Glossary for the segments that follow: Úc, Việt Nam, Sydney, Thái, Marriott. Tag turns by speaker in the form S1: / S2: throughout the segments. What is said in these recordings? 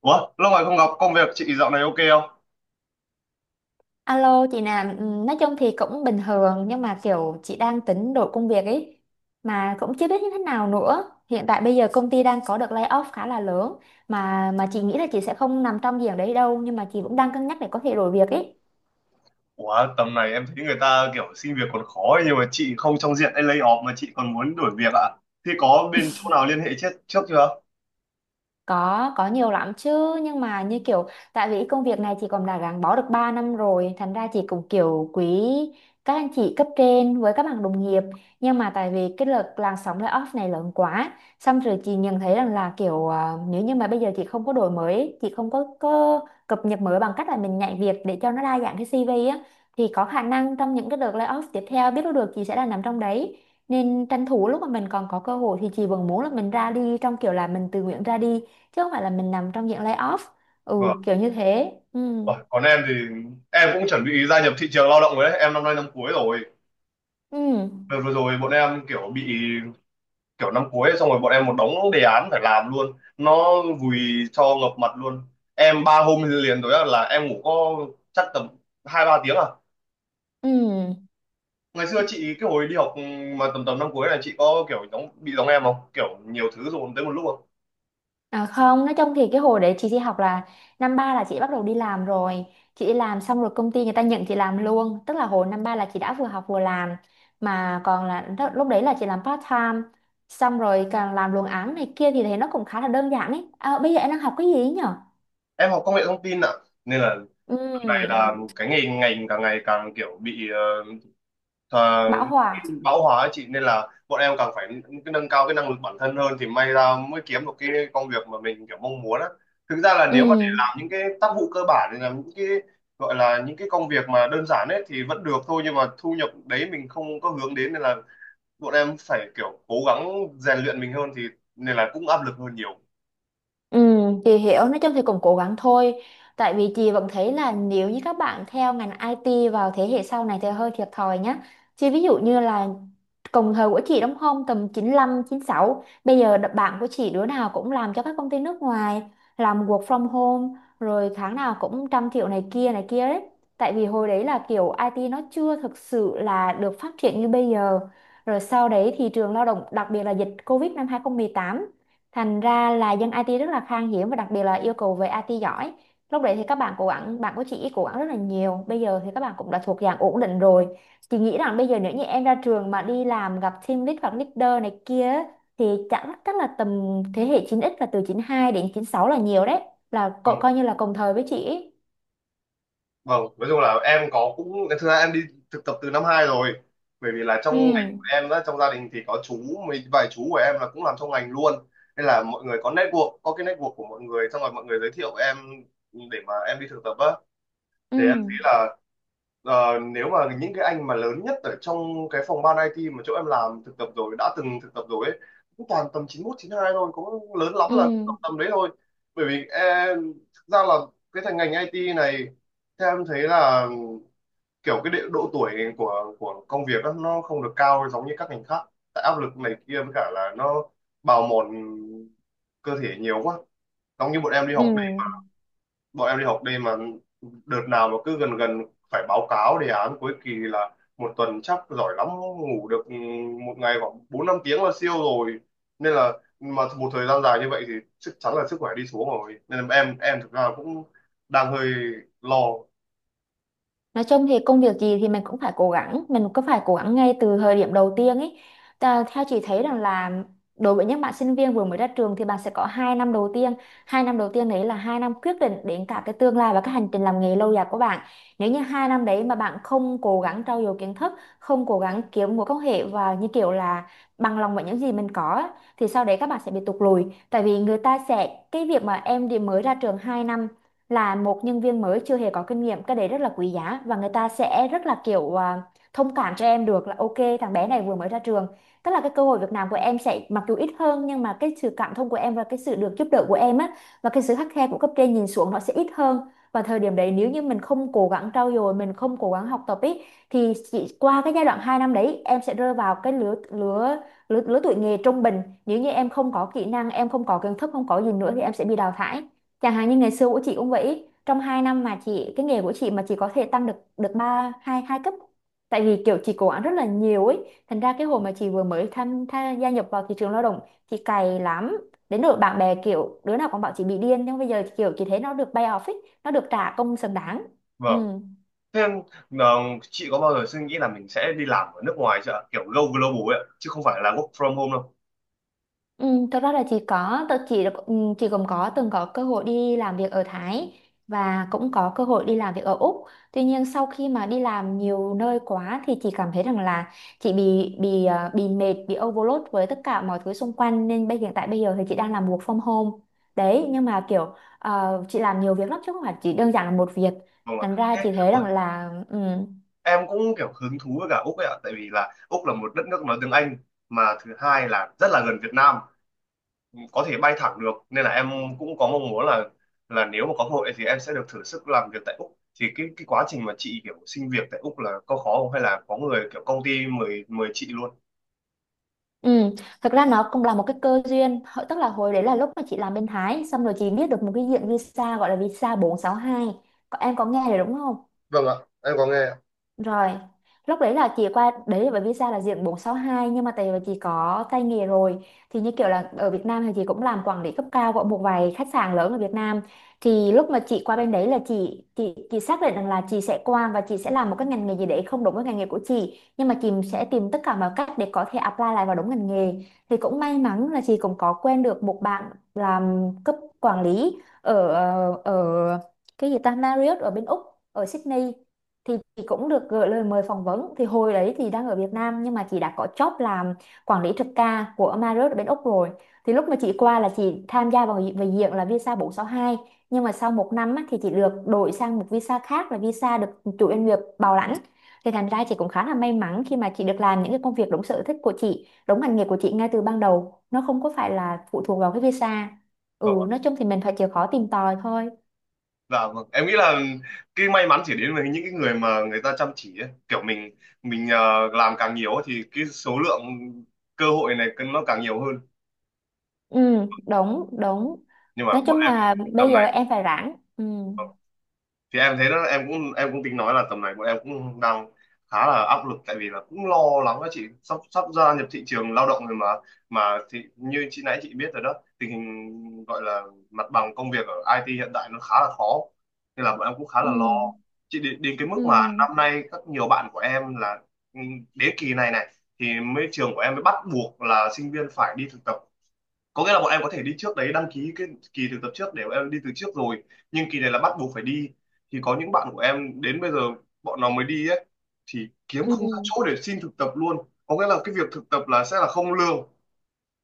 S1: Ủa, lâu ngày không gặp, công việc chị dạo này ok không?
S2: Alo chị Nam, ừ, nói chung thì cũng bình thường nhưng mà kiểu chị đang tính đổi công việc ấy mà cũng chưa biết như thế nào nữa. Hiện tại bây giờ công ty đang có được layoff khá là lớn mà chị nghĩ là chị sẽ không nằm trong diện đấy đâu nhưng mà chị cũng đang cân nhắc để có thể đổi việc ý.
S1: Ủa, tầm này em thấy người ta kiểu xin việc còn khó ấy, nhưng mà chị không trong diện lay off mà chị còn muốn đổi việc ạ. Thì có bên chỗ nào liên hệ trước chưa?
S2: Có nhiều lắm chứ nhưng mà như kiểu tại vì công việc này chị còn đã gắn bó được 3 năm rồi thành ra chị cũng kiểu quý các anh chị cấp trên với các bạn đồng nghiệp, nhưng mà tại vì cái lượt làn sóng layoff này lớn quá, xong rồi chị nhận thấy rằng là kiểu à, nếu như mà bây giờ chị không có đổi mới, chị không có cập nhật mới bằng cách là mình nhảy việc để cho nó đa dạng cái CV á, thì có khả năng trong những cái đợt layoff tiếp theo biết đâu được chị sẽ là nằm trong đấy, nên tranh thủ lúc mà mình còn có cơ hội thì chị vẫn muốn là mình ra đi trong kiểu là mình tự nguyện ra đi chứ không phải là mình nằm trong dạng lay off. Ừ,
S1: Vâng.
S2: kiểu như thế. Ừ.
S1: Ủa, còn em thì em cũng chuẩn bị gia nhập thị trường lao động rồi đấy. Em năm nay năm cuối rồi.
S2: Ừ.
S1: Đợt vừa rồi bọn em kiểu bị kiểu năm cuối ấy, xong rồi bọn em một đống đề án phải làm luôn. Nó vùi cho ngập mặt luôn. Em ba hôm liền tối là em ngủ có chắc tầm 2, 3 tiếng à,
S2: Ừ.
S1: ngày xưa chị cái hồi đi học mà tầm tầm năm cuối này chị có kiểu giống bị giống em không, kiểu nhiều thứ dồn tới một lúc không?
S2: À, không, nói chung thì cái hồi đấy chị đi học là năm ba là chị bắt đầu đi làm rồi. Chị đi làm xong rồi công ty người ta nhận chị làm luôn, tức là hồi năm ba là chị đã vừa học vừa làm, mà còn là lúc đấy là chị làm part time, xong rồi càng làm luồng án này kia thì thấy nó cũng khá là đơn giản ấy. À, bây giờ em đang học cái gì ấy nhở?
S1: Em học công nghệ thông tin ạ, nên là tầm này
S2: Ừ.
S1: là cái ngành ngành càng ngày càng kiểu bị thà-
S2: Bảo Hòa.
S1: bão hòa ấy chị, nên là bọn em càng phải cái nâng cao cái năng lực bản thân hơn thì may ra mới kiếm được cái công việc mà mình kiểu mong muốn á. Thực ra là
S2: Ừ.
S1: nếu mà để làm những cái tác vụ cơ bản thì làm những cái gọi là những cái công việc mà đơn giản ấy thì vẫn được thôi, nhưng mà thu nhập đấy mình không có hướng đến, nên là bọn em phải kiểu cố gắng rèn luyện mình hơn thì nên là cũng áp lực hơn nhiều.
S2: Ừ, chị hiểu, nói chung thì cũng cố gắng thôi, tại vì chị vẫn thấy là nếu như các bạn theo ngành IT vào thế hệ sau này thì hơi thiệt thòi nhá, chứ ví dụ như là cùng thời của chị, đúng không, tầm 95, 96 bây giờ bạn của chị đứa nào cũng làm cho các công ty nước ngoài, làm work from home rồi tháng nào cũng 100 triệu này kia đấy. Tại vì hồi đấy là kiểu IT nó chưa thực sự là được phát triển như bây giờ, rồi sau đấy thị trường lao động đặc biệt là dịch Covid năm 2018. Thành ra là dân IT rất là khan hiếm và đặc biệt là yêu cầu về IT giỏi. Lúc đấy thì các bạn cố gắng, bạn của chị cố gắng rất là nhiều. Bây giờ thì các bạn cũng đã thuộc dạng ổn định rồi. Chị nghĩ rằng bây giờ nếu như em ra trường mà đi làm gặp team lead hoặc leader này kia thì chắc chắc là tầm thế hệ 9x, là từ 92 đến 96 là nhiều đấy. Là
S1: Vâng,
S2: coi như là cùng thời với chị ấy.
S1: vâng. Nói chung là em có cũng thực ra em đi thực tập từ năm hai rồi, bởi vì là trong
S2: Ừ.
S1: ngành của em á, trong gia đình thì có mấy vài chú của em là cũng làm trong ngành luôn, nên là mọi người có có cái network của mọi người, xong rồi mọi người giới thiệu em để mà em đi thực tập á.
S2: Ừ.
S1: Thì em thấy là nếu mà những cái anh mà lớn nhất ở trong cái phòng ban IT mà chỗ em làm thực tập rồi đã từng thực tập rồi ấy, cũng toàn tầm 91, 92 thôi, cũng lớn lắm là
S2: Ừ.
S1: tầm đấy thôi. Bởi vì em thực ra là cái thành ngành IT này, theo em thấy là kiểu cái độ tuổi của công việc á, nó không được cao giống như các ngành khác, tại áp lực này kia với cả là nó bào mòn cơ thể nhiều quá. Giống như
S2: Ừ.
S1: bọn em đi học đêm mà, đợt nào mà cứ gần gần phải báo cáo đề án cuối kỳ là một tuần chắc giỏi lắm ngủ được một ngày khoảng 4, 5 tiếng là siêu rồi, nên là mà một thời gian dài như vậy thì chắc chắn là sức khỏe đi xuống rồi, nên là em thực ra cũng đang hơi lo.
S2: Nói chung thì công việc gì thì mình cũng phải cố gắng, mình cũng phải cố gắng ngay từ thời điểm đầu tiên ấy. Theo chị thấy rằng là đối với những bạn sinh viên vừa mới ra trường thì bạn sẽ có 2 năm đầu tiên. 2 năm đầu tiên đấy là 2 năm quyết định đến cả cái tương lai và cái hành trình làm nghề lâu dài của bạn. Nếu như 2 năm đấy mà bạn không cố gắng trau dồi kiến thức, không cố gắng kiếm mối quan hệ và như kiểu là bằng lòng với những gì mình có á, thì sau đấy các bạn sẽ bị tụt lùi. Tại vì người ta sẽ, cái việc mà em đi mới ra trường 2 năm là một nhân viên mới chưa hề có kinh nghiệm, cái đấy rất là quý giá và người ta sẽ rất là kiểu à, thông cảm cho em được là ok thằng bé này vừa mới ra trường, tức là cái cơ hội việc làm của em sẽ mặc dù ít hơn nhưng mà cái sự cảm thông của em và cái sự được giúp đỡ của em á và cái sự khắt khe của cấp trên nhìn xuống nó sẽ ít hơn. Và thời điểm đấy nếu như mình không cố gắng trau dồi, mình không cố gắng học tập ý, thì chỉ qua cái giai đoạn 2 năm đấy em sẽ rơi vào cái lứa tuổi nghề trung bình, nếu như em không có kỹ năng, em không có kiến thức, không có gì nữa thì em sẽ bị đào thải. Chẳng hạn như ngày xưa của chị cũng vậy, trong 2 năm mà chị, cái nghề của chị mà chị có thể tăng được được ba hai hai cấp. Tại vì kiểu chị cố gắng rất là nhiều ấy, thành ra cái hồi mà chị vừa mới tha gia nhập vào thị trường lao động, chị cày lắm. Đến nỗi bạn bè kiểu đứa nào cũng bảo chị bị điên, nhưng bây giờ kiểu chị thấy nó được pay off ấy, nó được trả công xứng đáng. Ừ.
S1: Vâng, thế em, ờ, chị có bao giờ suy nghĩ là mình sẽ đi làm ở nước ngoài chưa ạ? Kiểu go global ấy ạ, chứ không phải là work from home đâu.
S2: Ừ, thật ra là chị có tự chị là ừ, chị cũng có từng có cơ hội đi làm việc ở Thái và cũng có cơ hội đi làm việc ở Úc. Tuy nhiên sau khi mà đi làm nhiều nơi quá thì chị cảm thấy rằng là chị bị mệt, bị overload với tất cả mọi thứ xung quanh, nên hiện tại bây giờ thì chị đang làm work from home. Đấy, nhưng mà kiểu ờ, chị làm nhiều việc lắm chứ không phải chỉ đơn giản là một việc.
S1: Vâng ạ,
S2: Thành ra
S1: thế
S2: chị thấy rằng là ừ.
S1: em cũng kiểu hứng thú với cả Úc ấy ạ, tại vì là Úc là một đất nước nói tiếng Anh, mà thứ hai là rất là gần Việt Nam, có thể bay thẳng được, nên là em cũng có mong muốn là nếu mà có cơ hội thì em sẽ được thử sức làm việc tại Úc. Thì cái quá trình mà chị kiểu xin việc tại Úc là có khó không, hay là có người kiểu công ty mời mời chị luôn?
S2: Ừ, thật ra nó cũng là một cái cơ duyên. Tức là hồi đấy là lúc mà chị làm bên Thái xong rồi chị biết được một cái diện visa gọi là visa 462, có em có nghe rồi đúng không.
S1: Vâng ạ, em có nghe ạ.
S2: Rồi, lúc đấy là chị qua đấy là bởi vì sao là diện bốn sáu hai, nhưng mà tại vì chị có tay nghề rồi, thì như kiểu là ở Việt Nam thì chị cũng làm quản lý cấp cao của một vài khách sạn lớn ở Việt Nam, thì lúc mà chị qua bên đấy là chị xác định rằng là chị sẽ qua và chị sẽ làm một cái ngành nghề gì đấy không đúng với ngành nghề của chị, nhưng mà chị sẽ tìm tất cả mọi cách để có thể apply lại vào đúng ngành nghề. Thì cũng may mắn là chị cũng có quen được một bạn làm cấp quản lý ở ờ, ở cái gì ta Marriott ở bên Úc, ở Sydney, thì chị cũng được gửi lời mời phỏng vấn. Thì hồi đấy thì đang ở Việt Nam nhưng mà chị đã có job làm quản lý trực ca của Marriott ở bên Úc rồi. Thì lúc mà chị qua là chị tham gia vào về diện là visa bốn sáu hai, nhưng mà sau 1 năm á, thì chị được đổi sang một visa khác là visa được chủ doanh nghiệp bảo lãnh. Thì thành ra chị cũng khá là may mắn khi mà chị được làm những cái công việc đúng sở thích của chị, đúng ngành nghề của chị ngay từ ban đầu, nó không có phải là phụ thuộc vào cái visa. Ừ,
S1: Vâng ạ.
S2: nói chung thì mình phải chịu khó tìm tòi thôi.
S1: Dạ vâng. Em nghĩ là cái may mắn chỉ đến với những cái người mà người ta chăm chỉ ấy. Kiểu mình, làm càng nhiều ấy thì cái số lượng cơ hội này nó càng nhiều hơn.
S2: Ừ, đúng đúng.
S1: Nhưng mà
S2: Nói
S1: bọn
S2: chung
S1: em
S2: là bây
S1: tầm này
S2: giờ em phải rảnh. Ừ.
S1: thì em thấy đó, em cũng tính nói là tầm này bọn em cũng đang khá là áp lực, tại vì là cũng lo lắng đó chị, sắp sắp gia nhập thị trường lao động rồi mà thì như chị nãy chị biết rồi đó, tình hình gọi là mặt bằng công việc ở IT hiện tại nó khá là khó, nên là bọn em cũng khá
S2: Ừ.
S1: là lo chị. Đến cái
S2: Ừ.
S1: mức mà năm nay các nhiều bạn của em là ừ, đến kỳ này này thì mới trường của em mới bắt buộc là sinh viên phải đi thực tập, có nghĩa là bọn em có thể đi trước đấy đăng ký cái kỳ thực tập trước để bọn em đi từ trước rồi, nhưng kỳ này là bắt buộc phải đi. Thì có những bạn của em đến bây giờ bọn nó mới đi ấy, thì kiếm
S2: Ừ.
S1: không ra chỗ để xin thực tập luôn. Có nghĩa là cái việc thực tập là sẽ là không lương,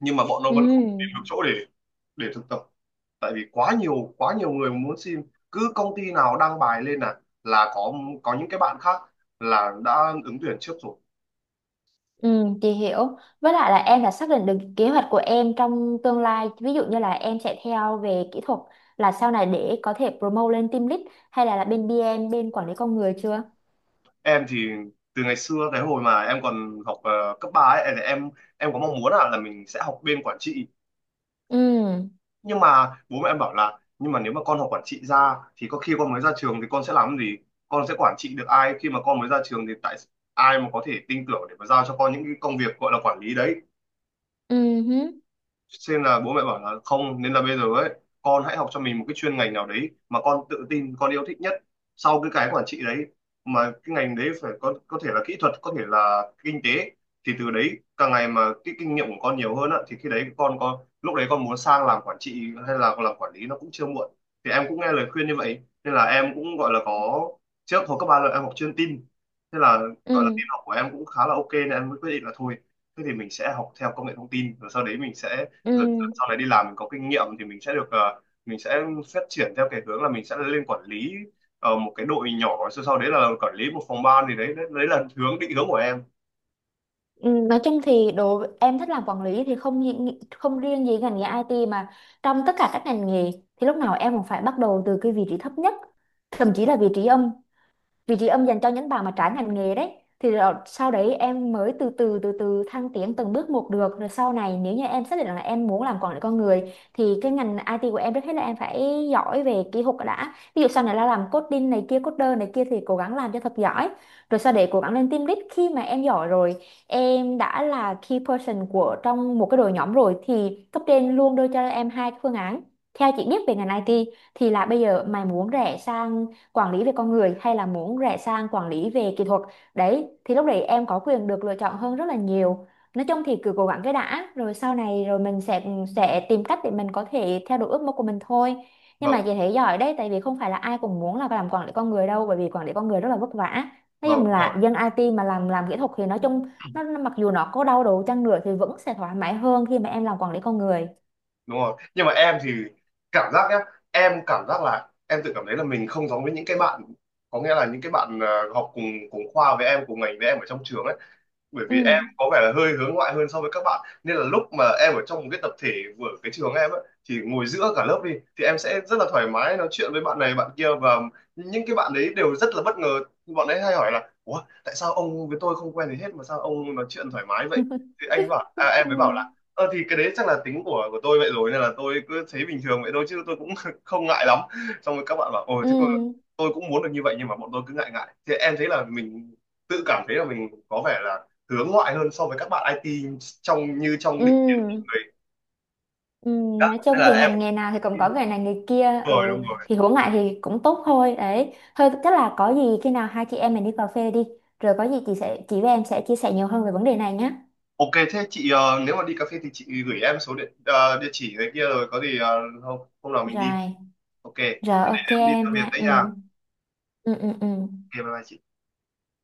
S1: nhưng mà bọn nó vẫn không tìm được
S2: Ừ.
S1: chỗ để thực tập, tại vì quá nhiều người muốn xin, cứ công ty nào đăng bài lên là có những cái bạn khác là đã ứng tuyển trước rồi.
S2: Ừ. Chị hiểu, với lại là em đã xác định được kế hoạch của em trong tương lai, ví dụ như là em sẽ theo về kỹ thuật là sau này để có thể promote lên team lead, hay là, bên BM bên quản lý con người chưa?
S1: Em thì từ ngày xưa cái hồi mà em còn học cấp 3 ấy thì em có mong muốn là mình sẽ học bên quản trị,
S2: Ừ.
S1: nhưng mà bố mẹ em bảo là nhưng mà nếu mà con học quản trị ra thì có khi con mới ra trường thì con sẽ làm cái gì, con sẽ quản trị được ai khi mà con mới ra trường, thì tại ai mà có thể tin tưởng để mà giao cho con những cái công việc gọi là quản lý đấy.
S2: Ừ hứ.
S1: Xem là bố mẹ bảo là không, nên là bây giờ ấy con hãy học cho mình một cái chuyên ngành nào đấy mà con tự tin con yêu thích nhất, sau cái quản trị đấy, mà cái ngành đấy phải có thể là kỹ thuật, có thể là kinh tế, thì từ đấy càng ngày mà cái kinh nghiệm của con nhiều hơn á thì khi đấy con lúc đấy con muốn sang làm quản trị hay là làm quản lý nó cũng chưa muộn. Thì em cũng nghe lời khuyên như vậy, nên là em cũng gọi là có, trước hồi cấp ba là em học chuyên tin, thế là
S2: Ừ.
S1: gọi là tin học của em cũng khá là ok, nên em mới quyết định là thôi thế thì mình sẽ học theo công nghệ thông tin, rồi sau đấy mình sẽ
S2: Ừ.
S1: dần dần sau này đi làm mình có kinh nghiệm thì mình sẽ được, mình sẽ phát triển theo cái hướng là mình sẽ lên quản lý một cái đội nhỏ, sau sau đấy là quản lý một phòng ban, thì đấy đấy, đấy là định hướng của em.
S2: Ừ, nói chung thì đồ em thích làm quản lý thì không riêng gì ngành nghề IT mà trong tất cả các ngành nghề thì lúc nào em cũng phải bắt đầu từ cái vị trí thấp nhất, thậm chí là vị trí âm. Vị trí âm dành cho những bạn mà trái ngành nghề đấy. Thì rồi sau đấy em mới từ từ từ từ thăng tiến từng bước một được. Rồi sau này nếu như em xác định là em muốn làm quản lý con người thì cái ngành IT của em, trước hết là em phải giỏi về kỹ thuật đã, ví dụ sau này là làm coding này kia, coder này kia thì cố gắng làm cho thật giỏi, rồi sau để cố gắng lên team lead. Khi mà em giỏi rồi, em đã là key person của trong một cái đội nhóm rồi thì cấp trên luôn đưa cho em hai cái phương án, theo chị biết về ngành IT, thì là bây giờ mày muốn rẽ sang quản lý về con người hay là muốn rẽ sang quản lý về kỹ thuật. Đấy, thì lúc đấy em có quyền được lựa chọn hơn rất là nhiều. Nói chung thì cứ cố gắng cái đã, rồi sau này rồi mình sẽ tìm cách để mình có thể theo đuổi ước mơ của mình thôi. Nhưng mà
S1: Vâng,
S2: chị thấy giỏi đấy, tại vì không phải là ai cũng muốn là làm quản lý con người đâu, bởi vì quản lý con người rất là vất vả. Nói
S1: vâng.
S2: chung
S1: Đúng
S2: là
S1: rồi,
S2: dân IT mà làm kỹ thuật thì nói chung mặc dù nó có đau đầu chăng nữa thì vẫn sẽ thoải mái hơn khi mà em làm quản lý con người.
S1: đúng rồi, nhưng mà em thì cảm giác nhá, em cảm giác là em tự cảm thấy là mình không giống với những cái bạn, có nghĩa là những cái bạn học cùng cùng khoa với em cùng ngành với em ở trong trường ấy, bởi
S2: Ừ.
S1: vì em có vẻ là hơi hướng ngoại hơn so với các bạn, nên là lúc mà em ở trong một cái tập thể của cái trường em ấy, thì ngồi giữa cả lớp đi thì em sẽ rất là thoải mái nói chuyện với bạn này bạn kia, và những cái bạn đấy đều rất là bất ngờ, bọn ấy hay hỏi là ủa tại sao ông với tôi không quen gì hết mà sao ông nói chuyện thoải mái vậy, thì em mới bảo
S2: Ừ.
S1: là ờ thì cái đấy chắc là tính của tôi vậy rồi, nên là tôi cứ thấy bình thường vậy thôi chứ tôi cũng không ngại lắm. Xong rồi các bạn bảo ồ thế
S2: Ừ.
S1: tôi cũng muốn được như vậy nhưng mà bọn tôi cứ ngại ngại, thì em thấy là mình tự cảm thấy là mình có vẻ là hướng ngoại hơn so với các bạn IT, trong định kiến của
S2: Ừ.
S1: người.
S2: Ừ,
S1: Đó,
S2: nói
S1: nên
S2: chung
S1: là
S2: thì
S1: em.
S2: ngành nghề nào thì cũng có
S1: Đúng
S2: nghề này nghề kia,
S1: rồi, đúng
S2: ừ,
S1: rồi.
S2: thì hướng lại thì cũng tốt thôi đấy thôi. Chắc là có gì khi nào hai chị em mình đi cà phê đi. Rồi có gì chị sẽ, chị với em sẽ chia sẻ nhiều hơn về vấn đề này nhé.
S1: Ok thế chị, nếu mà đi cà phê thì chị gửi em địa chỉ cái kia, rồi có gì hôm hôm nào mình đi.
S2: Rồi.
S1: Ok em
S2: Rồi ok
S1: đi theo
S2: em
S1: việc
S2: nha.
S1: đấy nha.
S2: Ừ.
S1: Ok,
S2: Ừ. Ừ. Ừ.
S1: bye bye chị.